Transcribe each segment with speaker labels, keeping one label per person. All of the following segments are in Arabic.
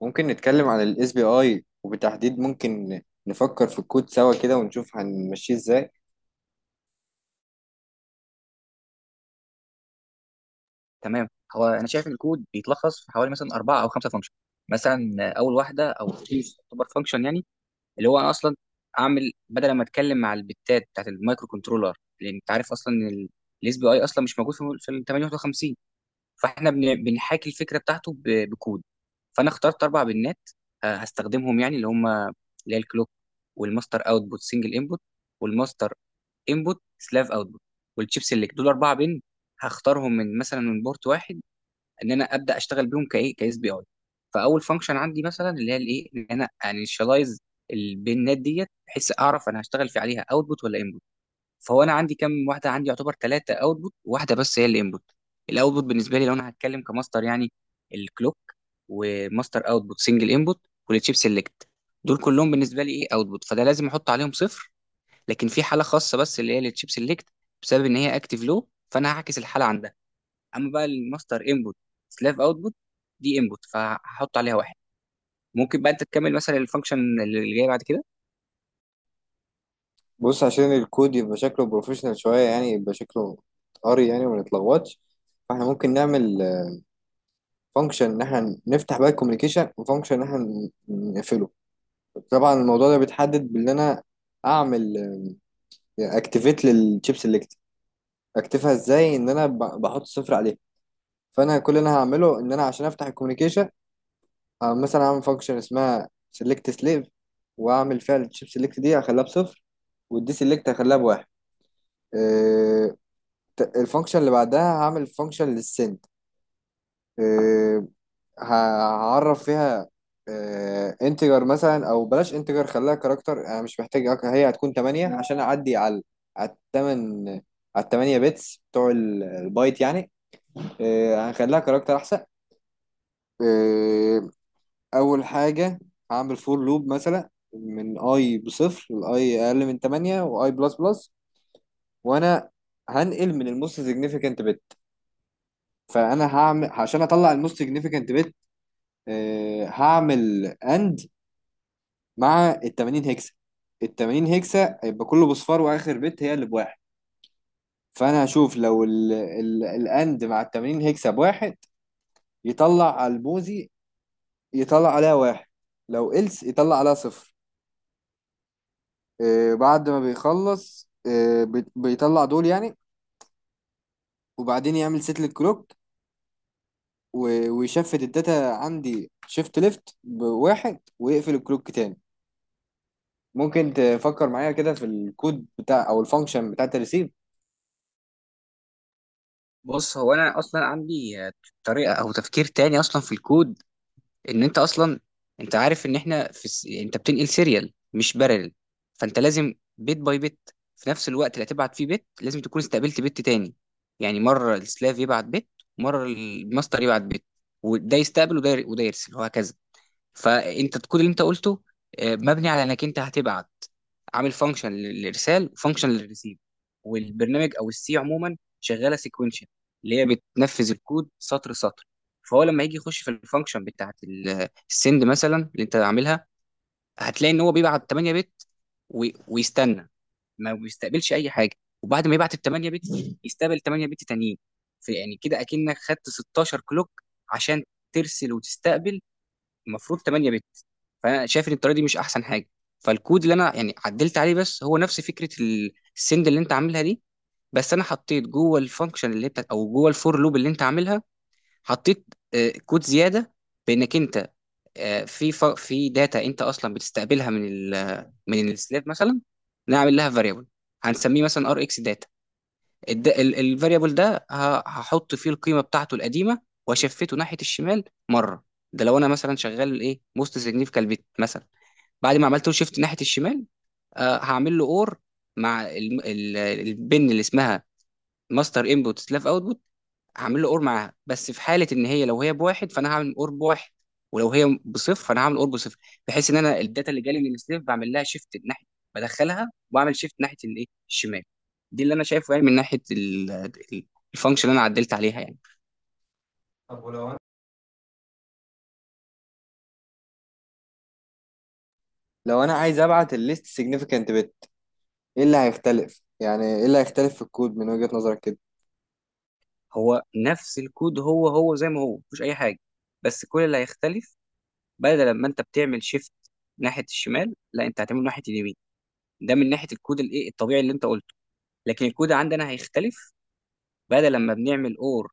Speaker 1: ممكن نتكلم عن الاس بي اي وبالتحديد ممكن نفكر في الكود سوا كده ونشوف هنمشيه ازاي؟
Speaker 2: تمام. هو انا شايف ان الكود بيتلخص في حوالي مثلا اربعه او خمسه فانكشن. مثلا اول واحده او تعتبر فانكشن يعني اللي هو انا اصلا اعمل، بدل ما اتكلم مع البتات بتاعت المايكرو كنترولر، لان انت عارف اصلا ان الاس بي اي اصلا مش موجود في ال 851. فاحنا بنحاكي الفكره بتاعته بكود. فانا اخترت اربع بنات هستخدمهم، يعني اللي هم هي الكلوك، والماستر اوتبوت سنجل انبوت، والماستر انبوت سلاف اوتبوت، والتشيب سيلكت. دول اربعه بن هختارهم من مثلا من بورت واحد، ان انا ابدا اشتغل بيهم كايه كاس بي اي. فاول فانكشن عندي مثلا اللي هي الايه ان انا انيشاليز البيانات ديت، بحيث اعرف انا هشتغل في عليها اوتبوت ولا انبوت. فهو انا عندي كام واحده؟ عندي يعتبر ثلاثه اوتبوت واحده بس هي الانبوت. الاوتبوت بالنسبه لي لو انا هتكلم كماستر، يعني الكلوك وماستر اوتبوت سنجل انبوت والتشيب سيلكت، دول كلهم بالنسبه لي ايه اوتبوت، فده لازم احط عليهم صفر. لكن في حاله خاصه بس اللي هي التشيب سيلكت، بسبب ان هي اكتيف لو، فانا هعكس الحاله عندها. اما بقى الماستر انبوت سلاف اوتبوت، دي انبوت فهحط عليها واحد. ممكن بقى انت تكمل مثلا الفانكشن اللي جاي بعد كده.
Speaker 1: بص، عشان الكود يبقى شكله بروفيشنال شوية يعني يبقى شكله قري يعني وما نتلخبطش، فاحنا ممكن نعمل فانكشن ان احنا نفتح بقى الكوميونيكيشن وفانكشن ان احنا نقفله. طبعا الموضوع ده بيتحدد بان انا اعمل اكتيفيت للشيب سيلكت. اكتفها ازاي؟ ان انا بحط صفر عليه. فانا كل اللي انا هعمله ان انا عشان افتح الكوميونيكيشن، مثلا اعمل فانكشن اسمها سيلكت سليف، واعمل فيها الشيب سيلكت دي هخليها بصفر والدي سيلكت هخليها بواحد. آه، الفانكشن اللي بعدها هعمل فانكشن للسند. آه، ه- هعرف فيها انتجر مثلا او بلاش انتجر خليها كاركتر، انا مش محتاج هي هتكون 8 عشان اعدي على التمن، على التمانية بيتس بتوع البايت يعني. هنخليها كاركتر احسن. آه، اول حاجه هعمل فور لوب مثلا من اي بصفر لاي اقل من 8 واي بلس بلس، وانا هنقل من الموست سيجنيفيكانت بت. فانا هعمل عشان اطلع الموست سيجنيفيكانت بت، هعمل اند مع ال 80 هكسه. ال 80 هكسه هيبقى كله بصفار واخر بت هي اللي بواحد. فانا هشوف لو الاند مع ال 80 هكسه بواحد يطلع على الموزي، يطلع عليها واحد، لو إلس يطلع عليها صفر. بعد ما بيخلص بيطلع دول يعني، وبعدين يعمل سيت للكلوك ويشفت الداتا عندي شيفت ليفت بواحد ويقفل الكلوك تاني. ممكن تفكر معايا كده في الكود بتاع او الفانكشن بتاعت الريسيف؟
Speaker 2: بص، هو انا اصلا عندي طريقه او تفكير تاني اصلا في الكود، ان انت اصلا انت عارف ان احنا في الس... انت بتنقل سيريال مش بارل، فانت لازم بيت باي بيت. في نفس الوقت اللي هتبعت فيه بيت لازم تكون استقبلت بيت تاني. يعني مره السلاف يبعت بيت، مره الماستر يبعت بيت، وده يستقبل وده وده يرسل وهكذا. فانت الكود اللي انت قلته مبني على انك انت هتبعت، عامل فانكشن للارسال وفانكشن للريسيف. والبرنامج او السي عموما شغاله سيكونشن، اللي هي بتنفذ الكود سطر سطر. فهو لما يجي يخش في الفانكشن بتاعت السند مثلا اللي انت عاملها، هتلاقي ان هو بيبعت 8 بت ويستنى، ما بيستقبلش اي حاجه. وبعد ما يبعت ال 8 بت، يستقبل 8 بت تانيين. في يعني كده اكنك خدت 16 كلوك عشان ترسل وتستقبل المفروض 8 بت. فانا شايف ان الطريقه دي مش احسن حاجه. فالكود اللي انا يعني عدلت عليه، بس هو نفس فكره السند اللي انت عاملها دي، بس انا حطيت جوه الفانكشن اللي انت او جوه الفور لوب اللي انت عاملها، حطيت كود زياده. بانك انت في ف... في داتا انت اصلا بتستقبلها من ال... من السلاف مثلا، نعمل لها فاريبل هنسميه مثلا ار اكس. الفاريبل ده هحط فيه القيمه بتاعته القديمه واشفته ناحيه الشمال مره. ده لو انا مثلا شغال ايه موست سيجنيفيكال بت مثلا. بعد ما عملت له شيفت ناحيه الشمال، آه هعمل له اور مع البن اللي اسمها ماستر انبوت سلاف اوت. هعمل له اور معاها، بس في حاله ان هي لو هي بواحد فانا هعمل اور بواحد، ولو هي بصفر فانا هعمل اور بصفر. بحيث ان انا الداتا اللي جالي من السيف بعمل لها شيفت ناحيه، بدخلها واعمل شيفت ناحيه الايه الشمال. دي اللي انا شايفه يعني من ناحيه الفانكشن اللي انا عدلت عليها يعني. طب ولو انا.
Speaker 1: لو انا عايز ابعت الليست سيجنيفيكانت بت، ايه اللي هيختلف؟ يعني ايه اللي هيختلف في الكود من وجهة نظرك كده؟
Speaker 2: هو نفس الكود، هو هو زي ما هو مفيش اي حاجه، بس كل اللي هيختلف، بدل ما انت بتعمل شيفت ناحيه الشمال، لا انت هتعمله ناحيه اليمين. ده من ناحيه الكود الايه الطبيعي اللي انت قلته. لكن الكود عندنا هيختلف، بدل لما بنعمل اور،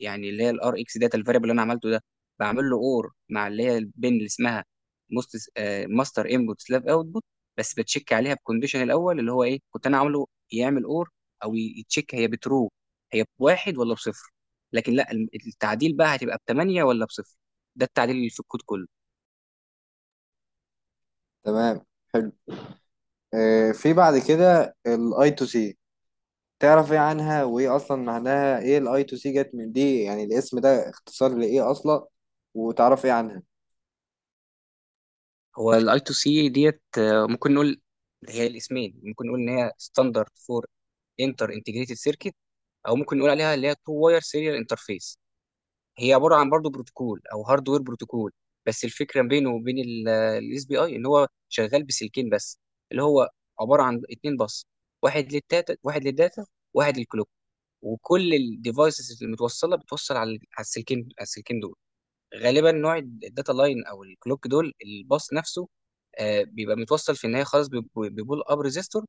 Speaker 2: يعني اللي هي الار اكس داتا الفاريبل اللي انا عملته ده، بعمل له اور مع اللي هي البن اللي اسمها مست ماستر انبوت سلاف اوتبوت، بس بتشيك عليها بكونديشن الاول اللي هو ايه كنت انا عامله يعمل اور او يتشيك هي بترو، هي بواحد ولا بصفر. لكن لا، التعديل بقى هتبقى بثمانية ولا بصفر. ده التعديل اللي في الكود كله.
Speaker 1: تمام، حلو. في بعد كده الاي تو سي، تعرف ايه عنها؟ وايه اصلا معناها؟ ايه الاي تو سي جت من دي يعني، الاسم ده اختصار لايه اصلا؟ وتعرف ايه عنها؟
Speaker 2: هو الاي تو سي ديت ممكن نقول هي الاسمين، ممكن نقول ان هي ستاندرد فور انتر انتجريتد سيركت، او ممكن نقول عليها اللي هي تو واير سيريال انترفيس. هي عباره عن برضه بروتوكول او هاردوير بروتوكول، بس الفكره بينه وبين الاس بي اي ان هو شغال بسلكين بس، اللي هو عباره عن اتنين بس، واحد للداتا واحد للداتا، واحد للكلوك. وكل الديفايسز المتوصله بتوصل على السلكين، على السلكين دول. غالبا نوع الداتا لاين او الكلوك دول الباص نفسه بيبقى متوصل في النهايه خالص ببول اب ريزيستور،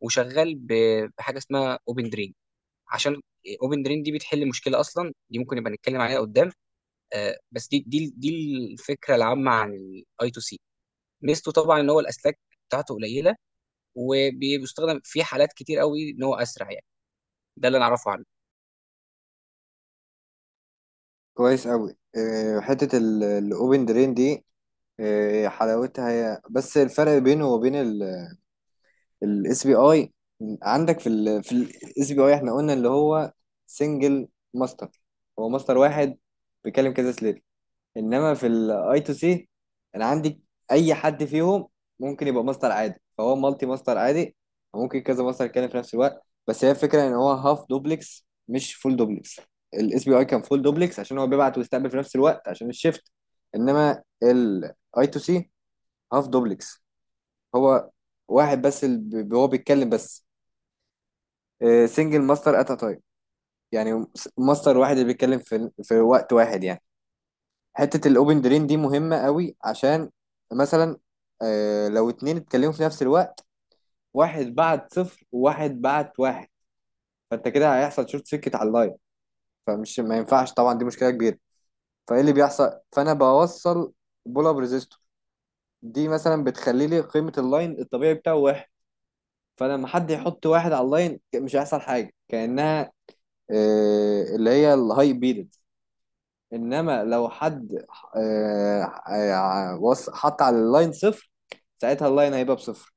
Speaker 2: وشغال بحاجه اسمها اوبن درين. عشان اوبن درين دي بتحل مشكله اصلا، دي ممكن يبقى نتكلم عليها قدام. بس دي الفكره العامه عن الاي تو سي. ميزته طبعا ان هو الاسلاك بتاعته قليله، وبيستخدم في حالات كتير قوي، ان هو اسرع يعني. ده اللي انا اعرفه عنه.
Speaker 1: كويس قوي. حتة الاوبن درين دي حلاوتها، هي بس الفرق بينه وبين الاس بي اي. عندك في الاس بي اي، احنا قلنا اللي هو سنجل ماستر، هو ماستر واحد بيكلم كذا سليف. انما في الاي تو سي، انا عندي اي حد فيهم ممكن يبقى ماستر عادي، فهو مالتي ماستر عادي، وممكن كذا ماستر يتكلم في نفس الوقت، بس هي الفكره ان هو هاف دوبلكس مش فول دوبلكس. الاس بي اي كان فول دوبلكس عشان هو بيبعت ويستقبل في نفس الوقت عشان الشيفت، انما الاي تو سي هاف دوبلكس. هو واحد بس اللي هو بيتكلم بس، سنجل ماستر ات ا تايم، يعني ماستر واحد اللي بيتكلم في وقت واحد يعني. حتة الاوبن درين دي مهمة قوي عشان مثلا، لو اتنين اتكلموا في نفس الوقت، واحد بعت صفر وواحد بعت واحد، فانت كده هيحصل شورت سيركت على اللاين، فمش ما ينفعش طبعا، دي مشكلة كبيرة. فايه اللي بيحصل؟ فانا بوصل بول اب ريزيستور، دي مثلا بتخلي لي قيمة اللاين الطبيعي بتاعه واحد، فلما حد يحط واحد على اللاين مش هيحصل حاجة، كأنها اللي هي الهاي بيد. انما لو حد آه، حط على اللاين صفر، ساعتها اللاين هيبقى بصفر.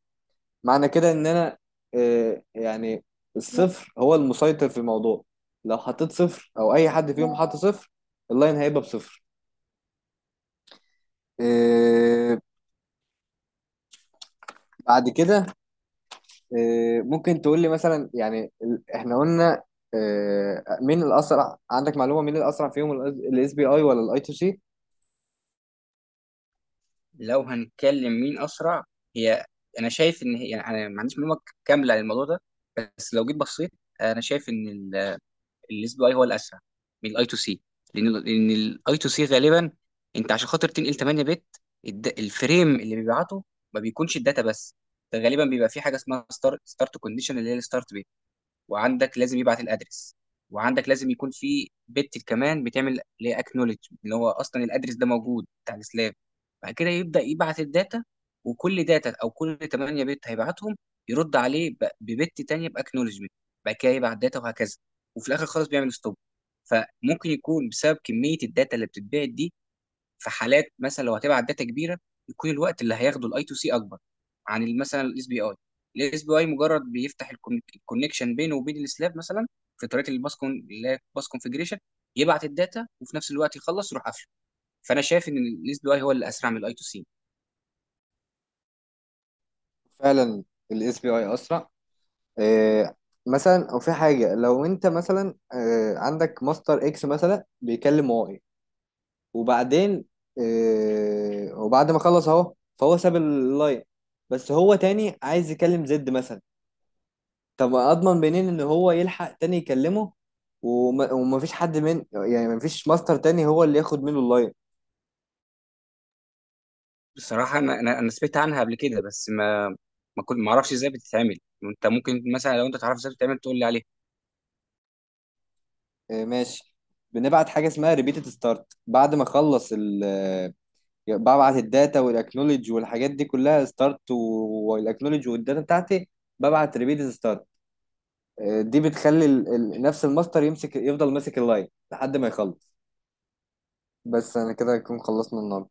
Speaker 1: معنى كده ان انا، يعني الصفر هو المسيطر في الموضوع، لو حطيت صفر او اي حد فيهم حط صفر، اللاين هيبقى بصفر. آه، بعد كده، ممكن تقول لي مثلا يعني احنا قلنا، مين الاسرع؟ عندك معلومة مين الاسرع فيهم، الاس بي اي ولا الاي تو سي؟
Speaker 2: لو هنتكلم مين اسرع، هي انا شايف ان هي يعني انا ما عنديش معلومه كامله عن الموضوع ده، بس لو جيت بصيت انا شايف ان الاس بي اي هو الاسرع من الاي تو سي. لان الاي تو سي غالبا، انت عشان خاطر تنقل 8 بت، الفريم اللي بيبعته ما بيكونش الداتا بس، ده غالبا بيبقى فيه حاجه اسمها ستارت كونديشن اللي هي الستارت، وعندك لازم يبعت الادرس، وعندك لازم يكون في بت كمان بتعمل ليه اكنولج، اللي هو اصلا الادرس ده موجود بتاع السلاب. بعد كده يبدا يبعت الداتا، وكل داتا او كل 8 بت هيبعتهم يرد عليه ببت تانية باكنولجمنت. بعد كده يبعت داتا وهكذا، وفي الاخر خالص بيعمل ستوب. فممكن يكون بسبب كميه الداتا اللي بتتبعت دي، في حالات مثلا لو هتبعت داتا كبيره يكون الوقت اللي هياخده الاي تو سي اكبر عن مثلا الاس بي اي. الاس بي اي مجرد بيفتح الكونكشن بينه وبين السلاف مثلا، في طريقه الباس كون اللي هي باس كونفجريشن، يبعت الداتا وفي نفس الوقت يخلص يروح قافله. فانا شايف ان الاس بي اي هو اللي اسرع من الاي تو سي.
Speaker 1: فعلا الاس بي اي اسرع. آه، مثلا او في حاجه، لو انت مثلا عندك ماستر اكس مثلا بيكلم واي، وبعدين وبعد ما خلص اهو، فهو ساب اللاين، بس هو تاني عايز يكلم زد مثلا، طب اضمن منين ان هو يلحق تاني يكلمه، وما ومفيش حد، من يعني مفيش ماستر تاني هو اللي ياخد منه اللاين.
Speaker 2: بصراحه انا انا أنا سمعت عنها قبل كده، بس ما كنت ما اعرفش ازاي بتتعمل. انت ممكن مثلا لو انت تعرف ازاي بتتعمل تقول لي عليها.
Speaker 1: ماشي، بنبعت حاجه اسمها ريبيتد ستارت، بعد ما اخلص ببعت الداتا والاكنولج والحاجات دي كلها، ستارت والاكنولج والداتا بتاعتي، ببعت ريبيت ستارت، دي بتخلي نفس الماستر يمسك، يفضل ماسك اللاين لحد ما يخلص. بس انا كده هكون خلصنا النهارده.